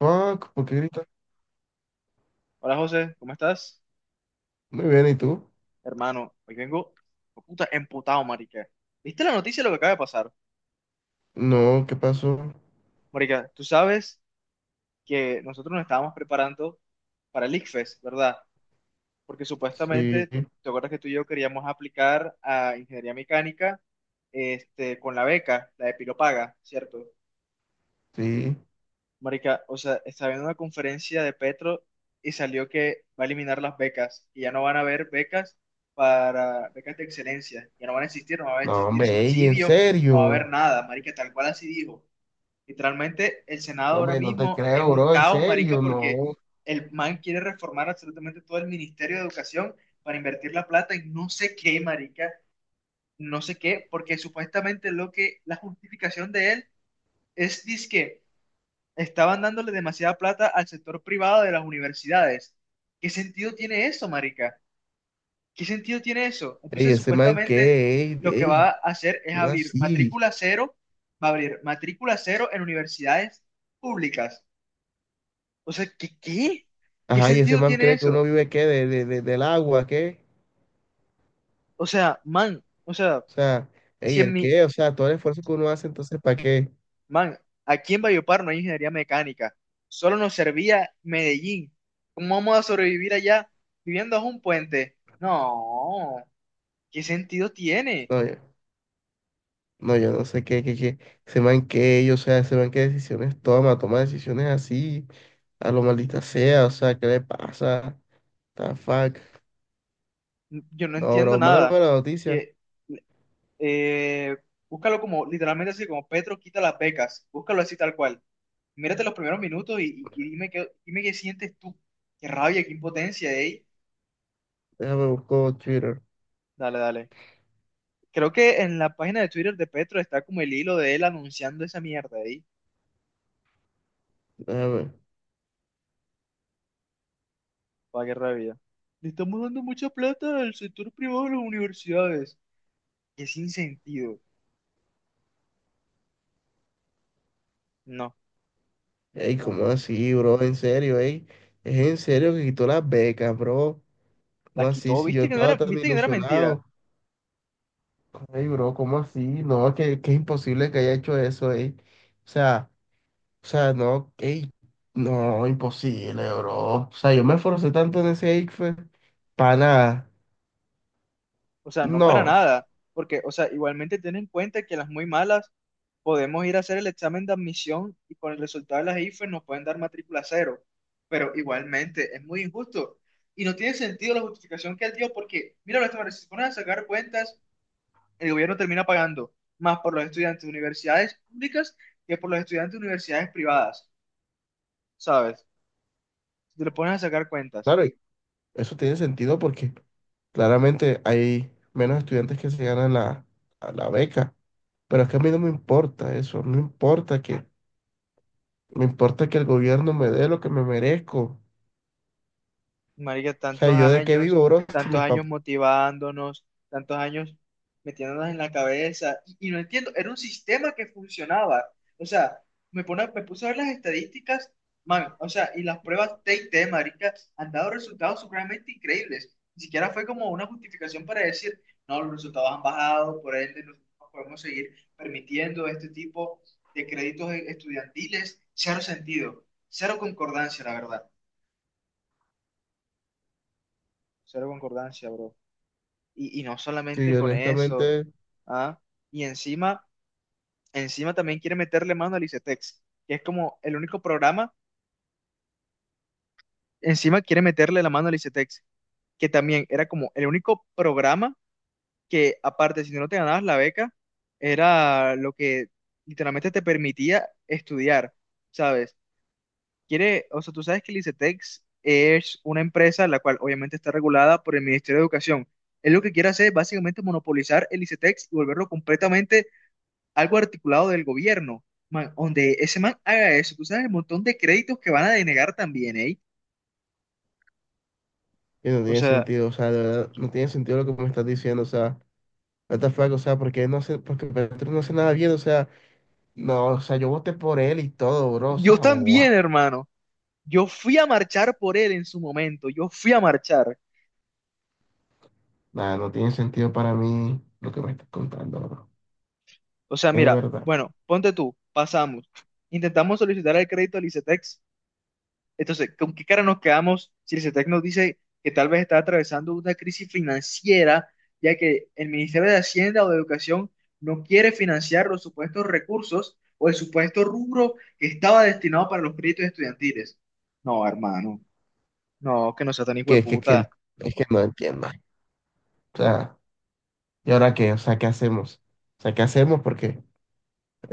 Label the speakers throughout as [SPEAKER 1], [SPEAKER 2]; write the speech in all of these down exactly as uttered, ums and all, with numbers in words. [SPEAKER 1] Fuck ¿por qué grita?
[SPEAKER 2] Hola José, ¿cómo estás?
[SPEAKER 1] Muy bien, ¿y tú?
[SPEAKER 2] Hermano, hoy vengo oh, puta emputado, marica. ¿Viste la noticia de lo que acaba de pasar?
[SPEAKER 1] No, ¿qué pasó?
[SPEAKER 2] Marica, tú sabes que nosotros nos estábamos preparando para el ICFES, ¿verdad? Porque
[SPEAKER 1] Sí,
[SPEAKER 2] supuestamente, ¿te acuerdas que tú y yo queríamos aplicar a ingeniería mecánica este, con la beca, la de Pilopaga, ¿cierto?
[SPEAKER 1] sí.
[SPEAKER 2] Marica, o sea, estaba viendo una conferencia de Petro y salió que va a eliminar las becas y ya no van a haber becas para becas de excelencia, ya no van a existir, no va a
[SPEAKER 1] No,
[SPEAKER 2] existir
[SPEAKER 1] hombre, ey, en
[SPEAKER 2] subsidio, no va a haber
[SPEAKER 1] serio.
[SPEAKER 2] nada, marica, tal cual así dijo. Literalmente el Senado
[SPEAKER 1] No,
[SPEAKER 2] ahora
[SPEAKER 1] hombre, no te
[SPEAKER 2] mismo es
[SPEAKER 1] creo,
[SPEAKER 2] un
[SPEAKER 1] bro, en
[SPEAKER 2] caos, marica,
[SPEAKER 1] serio,
[SPEAKER 2] porque
[SPEAKER 1] no.
[SPEAKER 2] el man quiere reformar absolutamente todo el Ministerio de Educación para invertir la plata en no sé qué, marica, no sé qué, porque supuestamente lo que la justificación de él es dizque estaban dándole demasiada plata al sector privado de las universidades. ¿Qué sentido tiene eso, marica? ¿Qué sentido tiene eso?
[SPEAKER 1] Ey,
[SPEAKER 2] Entonces,
[SPEAKER 1] ese man
[SPEAKER 2] supuestamente,
[SPEAKER 1] qué, ey,
[SPEAKER 2] lo que va a
[SPEAKER 1] ey,
[SPEAKER 2] hacer es
[SPEAKER 1] ¿cómo
[SPEAKER 2] abrir
[SPEAKER 1] así?
[SPEAKER 2] matrícula cero, va a abrir matrícula cero en universidades públicas. O sea, ¿qué, qué? ¿Qué
[SPEAKER 1] Ajá, y ese
[SPEAKER 2] sentido
[SPEAKER 1] man
[SPEAKER 2] tiene
[SPEAKER 1] cree que uno
[SPEAKER 2] eso?
[SPEAKER 1] vive qué, de, de- de- del agua, ¿qué?
[SPEAKER 2] O sea, man, o sea,
[SPEAKER 1] O sea,
[SPEAKER 2] si
[SPEAKER 1] ey,
[SPEAKER 2] en
[SPEAKER 1] ¿el
[SPEAKER 2] mi,
[SPEAKER 1] qué? O sea, todo el esfuerzo que uno hace, entonces, ¿para qué?
[SPEAKER 2] man, aquí en Valledupar no hay ingeniería mecánica, solo nos servía Medellín. ¿Cómo vamos a sobrevivir allá viviendo bajo un puente? No, ¿qué sentido tiene?
[SPEAKER 1] No, yo, no, yo no sé qué, qué, qué. Ese man qué, ey, o sea, ese man qué decisiones toma, toma decisiones así, a lo maldita sea, o sea, ¿qué le pasa? The fuck.
[SPEAKER 2] Yo no
[SPEAKER 1] No,
[SPEAKER 2] entiendo
[SPEAKER 1] bro, mándame
[SPEAKER 2] nada.
[SPEAKER 1] la noticia.
[SPEAKER 2] Que, eh, búscalo como, literalmente así, como Petro quita las becas. Búscalo así tal cual. Mírate los primeros minutos y, y- y dime qué, dime qué sientes tú. Qué rabia, qué impotencia, ey.
[SPEAKER 1] Déjame buscar Twitter.
[SPEAKER 2] Dale, dale. Creo que en la página de Twitter de Petro está como el hilo de él anunciando esa mierda, ey.
[SPEAKER 1] Déjame.
[SPEAKER 2] Para qué rabia. Le estamos dando mucha plata al sector privado de las universidades. Qué sin sentido. No,
[SPEAKER 1] Ey,
[SPEAKER 2] no,
[SPEAKER 1] ¿cómo
[SPEAKER 2] no, no.
[SPEAKER 1] así, bro? En serio, ey. Es en serio que quitó las becas, bro. ¿Cómo
[SPEAKER 2] Las
[SPEAKER 1] así?
[SPEAKER 2] quitó,
[SPEAKER 1] Si yo
[SPEAKER 2] ¿viste que no
[SPEAKER 1] estaba
[SPEAKER 2] era,
[SPEAKER 1] tan
[SPEAKER 2] viste que no era mentira?
[SPEAKER 1] ilusionado. Ey, bro, ¿cómo así? No, es que, que es imposible que haya hecho eso, ey. O sea, o sea, no, ey. No, imposible, bro. O sea, yo me esforcé tanto en ese ICFES para nada.
[SPEAKER 2] O sea, no para
[SPEAKER 1] No.
[SPEAKER 2] nada, porque, o sea, igualmente ten en cuenta que las muy malas podemos ir a hacer el examen de admisión y con el resultado de las IFES nos pueden dar matrícula cero, pero igualmente es muy injusto y no tiene sentido la justificación que él dio porque, mira, Lázaro, si se ponen a sacar cuentas, el gobierno termina pagando más por los estudiantes de universidades públicas que por los estudiantes de universidades privadas, ¿sabes? Si te le pones a sacar cuentas.
[SPEAKER 1] Claro, y eso tiene sentido porque Claramente hay menos estudiantes que se ganan la, a la beca, pero es que a mí no me importa eso, no importa que, me importa que el gobierno me dé lo que me merezco.
[SPEAKER 2] Marica,
[SPEAKER 1] O sea,
[SPEAKER 2] tantos
[SPEAKER 1] ¿yo de qué
[SPEAKER 2] años,
[SPEAKER 1] vivo, bro? Si
[SPEAKER 2] tantos
[SPEAKER 1] mis
[SPEAKER 2] años
[SPEAKER 1] papás,
[SPEAKER 2] motivándonos, tantos años metiéndonos en la cabeza, y, y no entiendo, era un sistema que funcionaba. O sea, me, pone, me puse a ver las estadísticas, man, o sea, y las pruebas T y T, marica, han dado resultados supremamente increíbles. Ni siquiera fue como una justificación para decir, no, los resultados han bajado, por ende, nosotros no podemos seguir permitiendo este tipo de créditos estudiantiles. Cero sentido, cero concordancia, la verdad. Cero concordancia, bro. Y, y no
[SPEAKER 1] si
[SPEAKER 2] solamente con eso,
[SPEAKER 1] honestamente,
[SPEAKER 2] ¿ah? Y encima, encima también quiere meterle mano al ICETEX, que es como el único programa, encima quiere meterle la mano al ICETEX, que también era como el único programa que aparte, si no te ganabas la beca, era lo que literalmente te permitía estudiar, ¿sabes? Quiere, o sea, tú sabes que el ICETEX es una empresa la cual obviamente está regulada por el Ministerio de Educación. Él lo que quiere hacer es básicamente monopolizar el ICETEX y volverlo completamente algo articulado del gobierno, man, donde ese man haga eso. Tú sabes el montón de créditos que van a denegar también, ¿eh?
[SPEAKER 1] y no
[SPEAKER 2] O
[SPEAKER 1] tiene
[SPEAKER 2] sea,
[SPEAKER 1] sentido, o sea, de verdad, no tiene sentido lo que me estás diciendo, o sea, what the fuck, o sea, porque no hace, porque Petro no hace nada bien, o sea, no, o sea, yo voté por él y todo, bro, o
[SPEAKER 2] yo
[SPEAKER 1] sea, guau.
[SPEAKER 2] también, hermano. Yo fui a marchar por él en su momento. Yo fui a marchar.
[SPEAKER 1] Nada, no tiene sentido para mí lo que me estás contando, bro.
[SPEAKER 2] O sea,
[SPEAKER 1] Es
[SPEAKER 2] mira,
[SPEAKER 1] verdad.
[SPEAKER 2] bueno, ponte tú, pasamos. Intentamos solicitar el crédito al ICETEX. Entonces, ¿con qué cara nos quedamos si el CETEC nos dice que tal vez está atravesando una crisis financiera, ya que el Ministerio de Hacienda o de Educación no quiere financiar los supuestos recursos o el supuesto rubro que estaba destinado para los créditos estudiantiles? No, hermano, no, que no sea tan hijo de
[SPEAKER 1] Que, que, que,
[SPEAKER 2] puta.
[SPEAKER 1] es que no entiendo. O sea, ¿y ahora qué? O sea, ¿qué hacemos? O sea, ¿qué hacemos? Porque,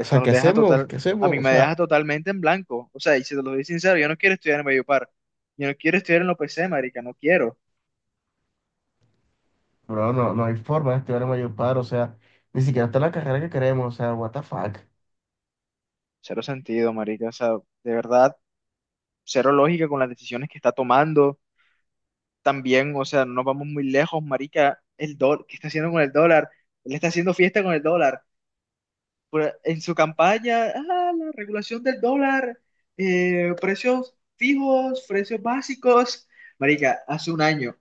[SPEAKER 1] o sea,
[SPEAKER 2] nos
[SPEAKER 1] ¿qué
[SPEAKER 2] deja
[SPEAKER 1] hacemos?
[SPEAKER 2] total,
[SPEAKER 1] ¿Qué
[SPEAKER 2] a
[SPEAKER 1] hacemos?
[SPEAKER 2] mí
[SPEAKER 1] O
[SPEAKER 2] me
[SPEAKER 1] sea,
[SPEAKER 2] deja totalmente en blanco. O sea, y si te lo doy sincero, yo no quiero estudiar en Mediopar. Yo no quiero estudiar en la O P C, marica, no quiero.
[SPEAKER 1] bro, no, no hay forma de estudiar en Valledupar, o sea, ni siquiera está la carrera que queremos, o sea, what the fuck.
[SPEAKER 2] Cero sentido, marica. O sea, de verdad, cero lógica con las decisiones que está tomando. También, o sea, no nos vamos muy lejos, marica, el dólar, ¿qué está haciendo con el dólar? Él está haciendo fiesta con el dólar. Por- En su campaña, ah, la regulación del dólar, eh, precios fijos, precios básicos. Marica, hace un año,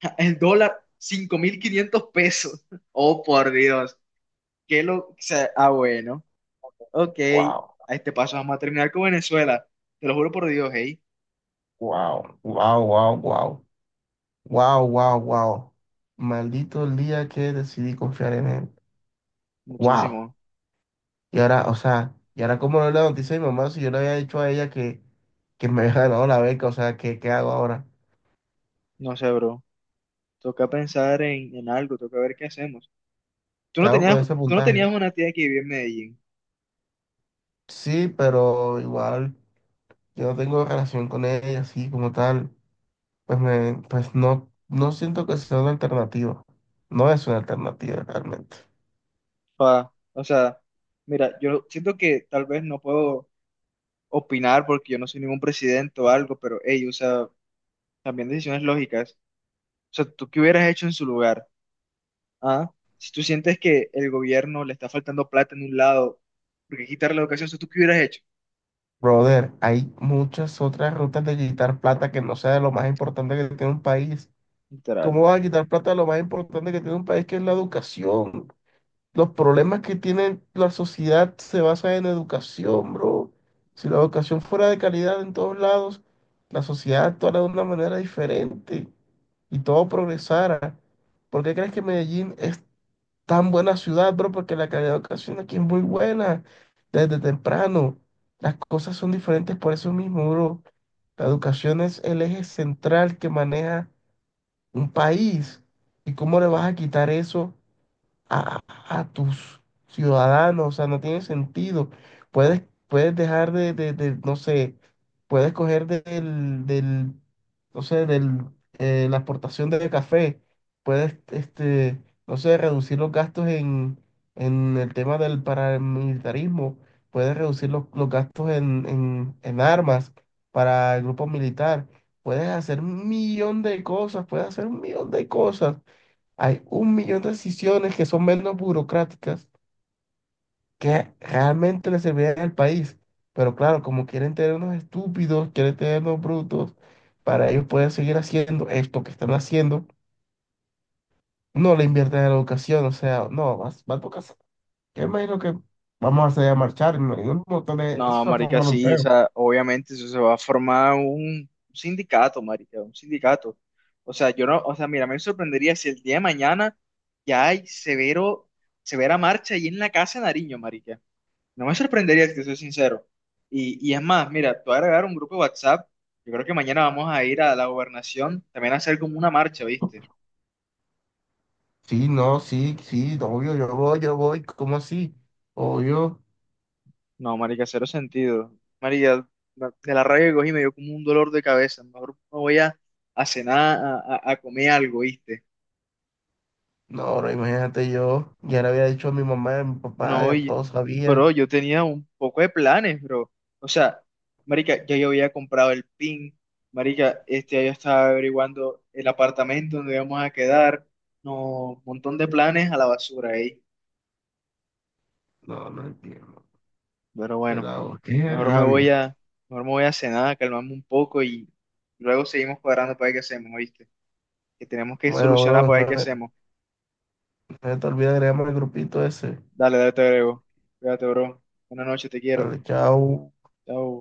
[SPEAKER 2] el dólar, cinco mil quinientos pesos. Oh, por Dios. Qué lo. O sea, ah, bueno. Ok.
[SPEAKER 1] Wow,
[SPEAKER 2] A este paso vamos a terminar con Venezuela. Te lo juro por Dios, hey.
[SPEAKER 1] wow, wow, wow, wow, wow, wow, wow. Maldito el día que decidí confiar en él. Wow.
[SPEAKER 2] Muchísimo.
[SPEAKER 1] Y ahora, o sea, ¿y ahora cómo no le noticia a mi mamá si yo le había dicho a ella que, que me había ganado la beca? O sea, ¿qué, qué hago ahora?
[SPEAKER 2] No sé, bro. Toca pensar en, en algo, toca ver qué hacemos. Tú
[SPEAKER 1] ¿Qué
[SPEAKER 2] no
[SPEAKER 1] hago
[SPEAKER 2] tenías,
[SPEAKER 1] con ese
[SPEAKER 2] tú no
[SPEAKER 1] puntaje?
[SPEAKER 2] tenías una tía que vivía en Medellín.
[SPEAKER 1] Sí, pero igual. yo no tengo relación con ella así como tal, pues me, pues no, no siento que sea una alternativa. No es una alternativa realmente.
[SPEAKER 2] Pa, o sea, mira, yo siento que tal vez no puedo opinar porque yo no soy ningún presidente o algo, pero ey, o sea, también decisiones lógicas. O sea, ¿tú qué hubieras hecho en su lugar? ¿Ah? Si tú sientes que el gobierno le está faltando plata en un lado, porque quitarle la educación, o sea, ¿tú qué hubieras hecho?
[SPEAKER 1] Brother, hay muchas otras rutas de quitar plata que no sea de lo más importante que tiene un país. ¿Cómo vas a
[SPEAKER 2] Literalmente.
[SPEAKER 1] quitar plata de lo más importante que tiene un país, que es la educación? Los problemas que tiene la sociedad se basan en educación, bro. Si la educación fuera de calidad en todos lados, la sociedad actuara de una manera diferente y todo progresara. ¿Por qué crees que Medellín es tan buena ciudad, bro? Porque la calidad de educación aquí es muy buena desde temprano. Las cosas son diferentes por eso mismo, bro. La educación es el eje central que maneja un país. ¿Y cómo le vas a quitar eso? a, a tus ciudadanos, o sea, no tiene sentido. Puedes, puedes dejar de, de, de, no sé, puedes coger del, del, no sé, del, eh, la exportación de café, puedes, este, no sé, reducir los gastos en, en el tema del paramilitarismo, puedes reducir los, los gastos en, en, en armas para el grupo militar. Puedes hacer un millón de cosas, puedes hacer un millón de cosas. Hay un millón de decisiones que son menos burocráticas que realmente le servirían al país. Pero claro, como quieren tener unos estúpidos, quieren tener unos brutos, para ellos poder seguir haciendo esto que están haciendo, no le invierten en la educación. O sea, no, va, va a tocar. sa- Yo imagino que vamos a salir a marchar, ¿no? Y un montón de- eso
[SPEAKER 2] No,
[SPEAKER 1] se va a
[SPEAKER 2] marica,
[SPEAKER 1] formar un
[SPEAKER 2] sí, o
[SPEAKER 1] peo.
[SPEAKER 2] sea, obviamente eso se va a formar un sindicato, marica, un sindicato. O sea, yo no, o sea, mira, me sorprendería si el día de mañana ya hay severo, severa marcha ahí en la casa de Nariño, marica. No me sorprendería, si te soy sincero. Y, y es más, mira, te voy a agregar un grupo de WhatsApp. Yo creo que mañana vamos a ir a la gobernación también a hacer como una marcha, ¿viste?
[SPEAKER 1] Sí, no, sí, sí, no, obvio, yo voy, yo voy. ¿Cómo así? Obvio.
[SPEAKER 2] No, marica, cero sentido. Marica, ma- de la rabia que cogí me dio como un dolor de cabeza. Mejor me voy a, a cenar, a, a- a comer algo, ¿viste?
[SPEAKER 1] No, ahora imagínate yo, ya le había dicho a mi mamá y a mi
[SPEAKER 2] No,
[SPEAKER 1] papá, ya
[SPEAKER 2] oye,
[SPEAKER 1] todos
[SPEAKER 2] bro,
[SPEAKER 1] sabían.
[SPEAKER 2] yo tenía un poco de planes, bro. O sea, marica, ya yo había comprado el pin. Marica, este, ya yo estaba averiguando el apartamento donde íbamos a quedar. No, montón de planes a la basura ahí.
[SPEAKER 1] No, no entiendo.
[SPEAKER 2] Pero bueno,
[SPEAKER 1] Pero qué
[SPEAKER 2] mejor me voy
[SPEAKER 1] rabia.
[SPEAKER 2] a, mejor me voy a cenar, a calmarme un poco y luego seguimos cuadrando para ver qué hacemos, ¿viste? Que tenemos que
[SPEAKER 1] Bueno,
[SPEAKER 2] solucionar
[SPEAKER 1] bro,
[SPEAKER 2] para
[SPEAKER 1] no,
[SPEAKER 2] ver qué
[SPEAKER 1] no
[SPEAKER 2] hacemos.
[SPEAKER 1] se te olvide agregarme al grupito ese.
[SPEAKER 2] Dale, dale, te agrego. Cuídate, bro. Buenas noches, te quiero.
[SPEAKER 1] Dale, chao.
[SPEAKER 2] Chao.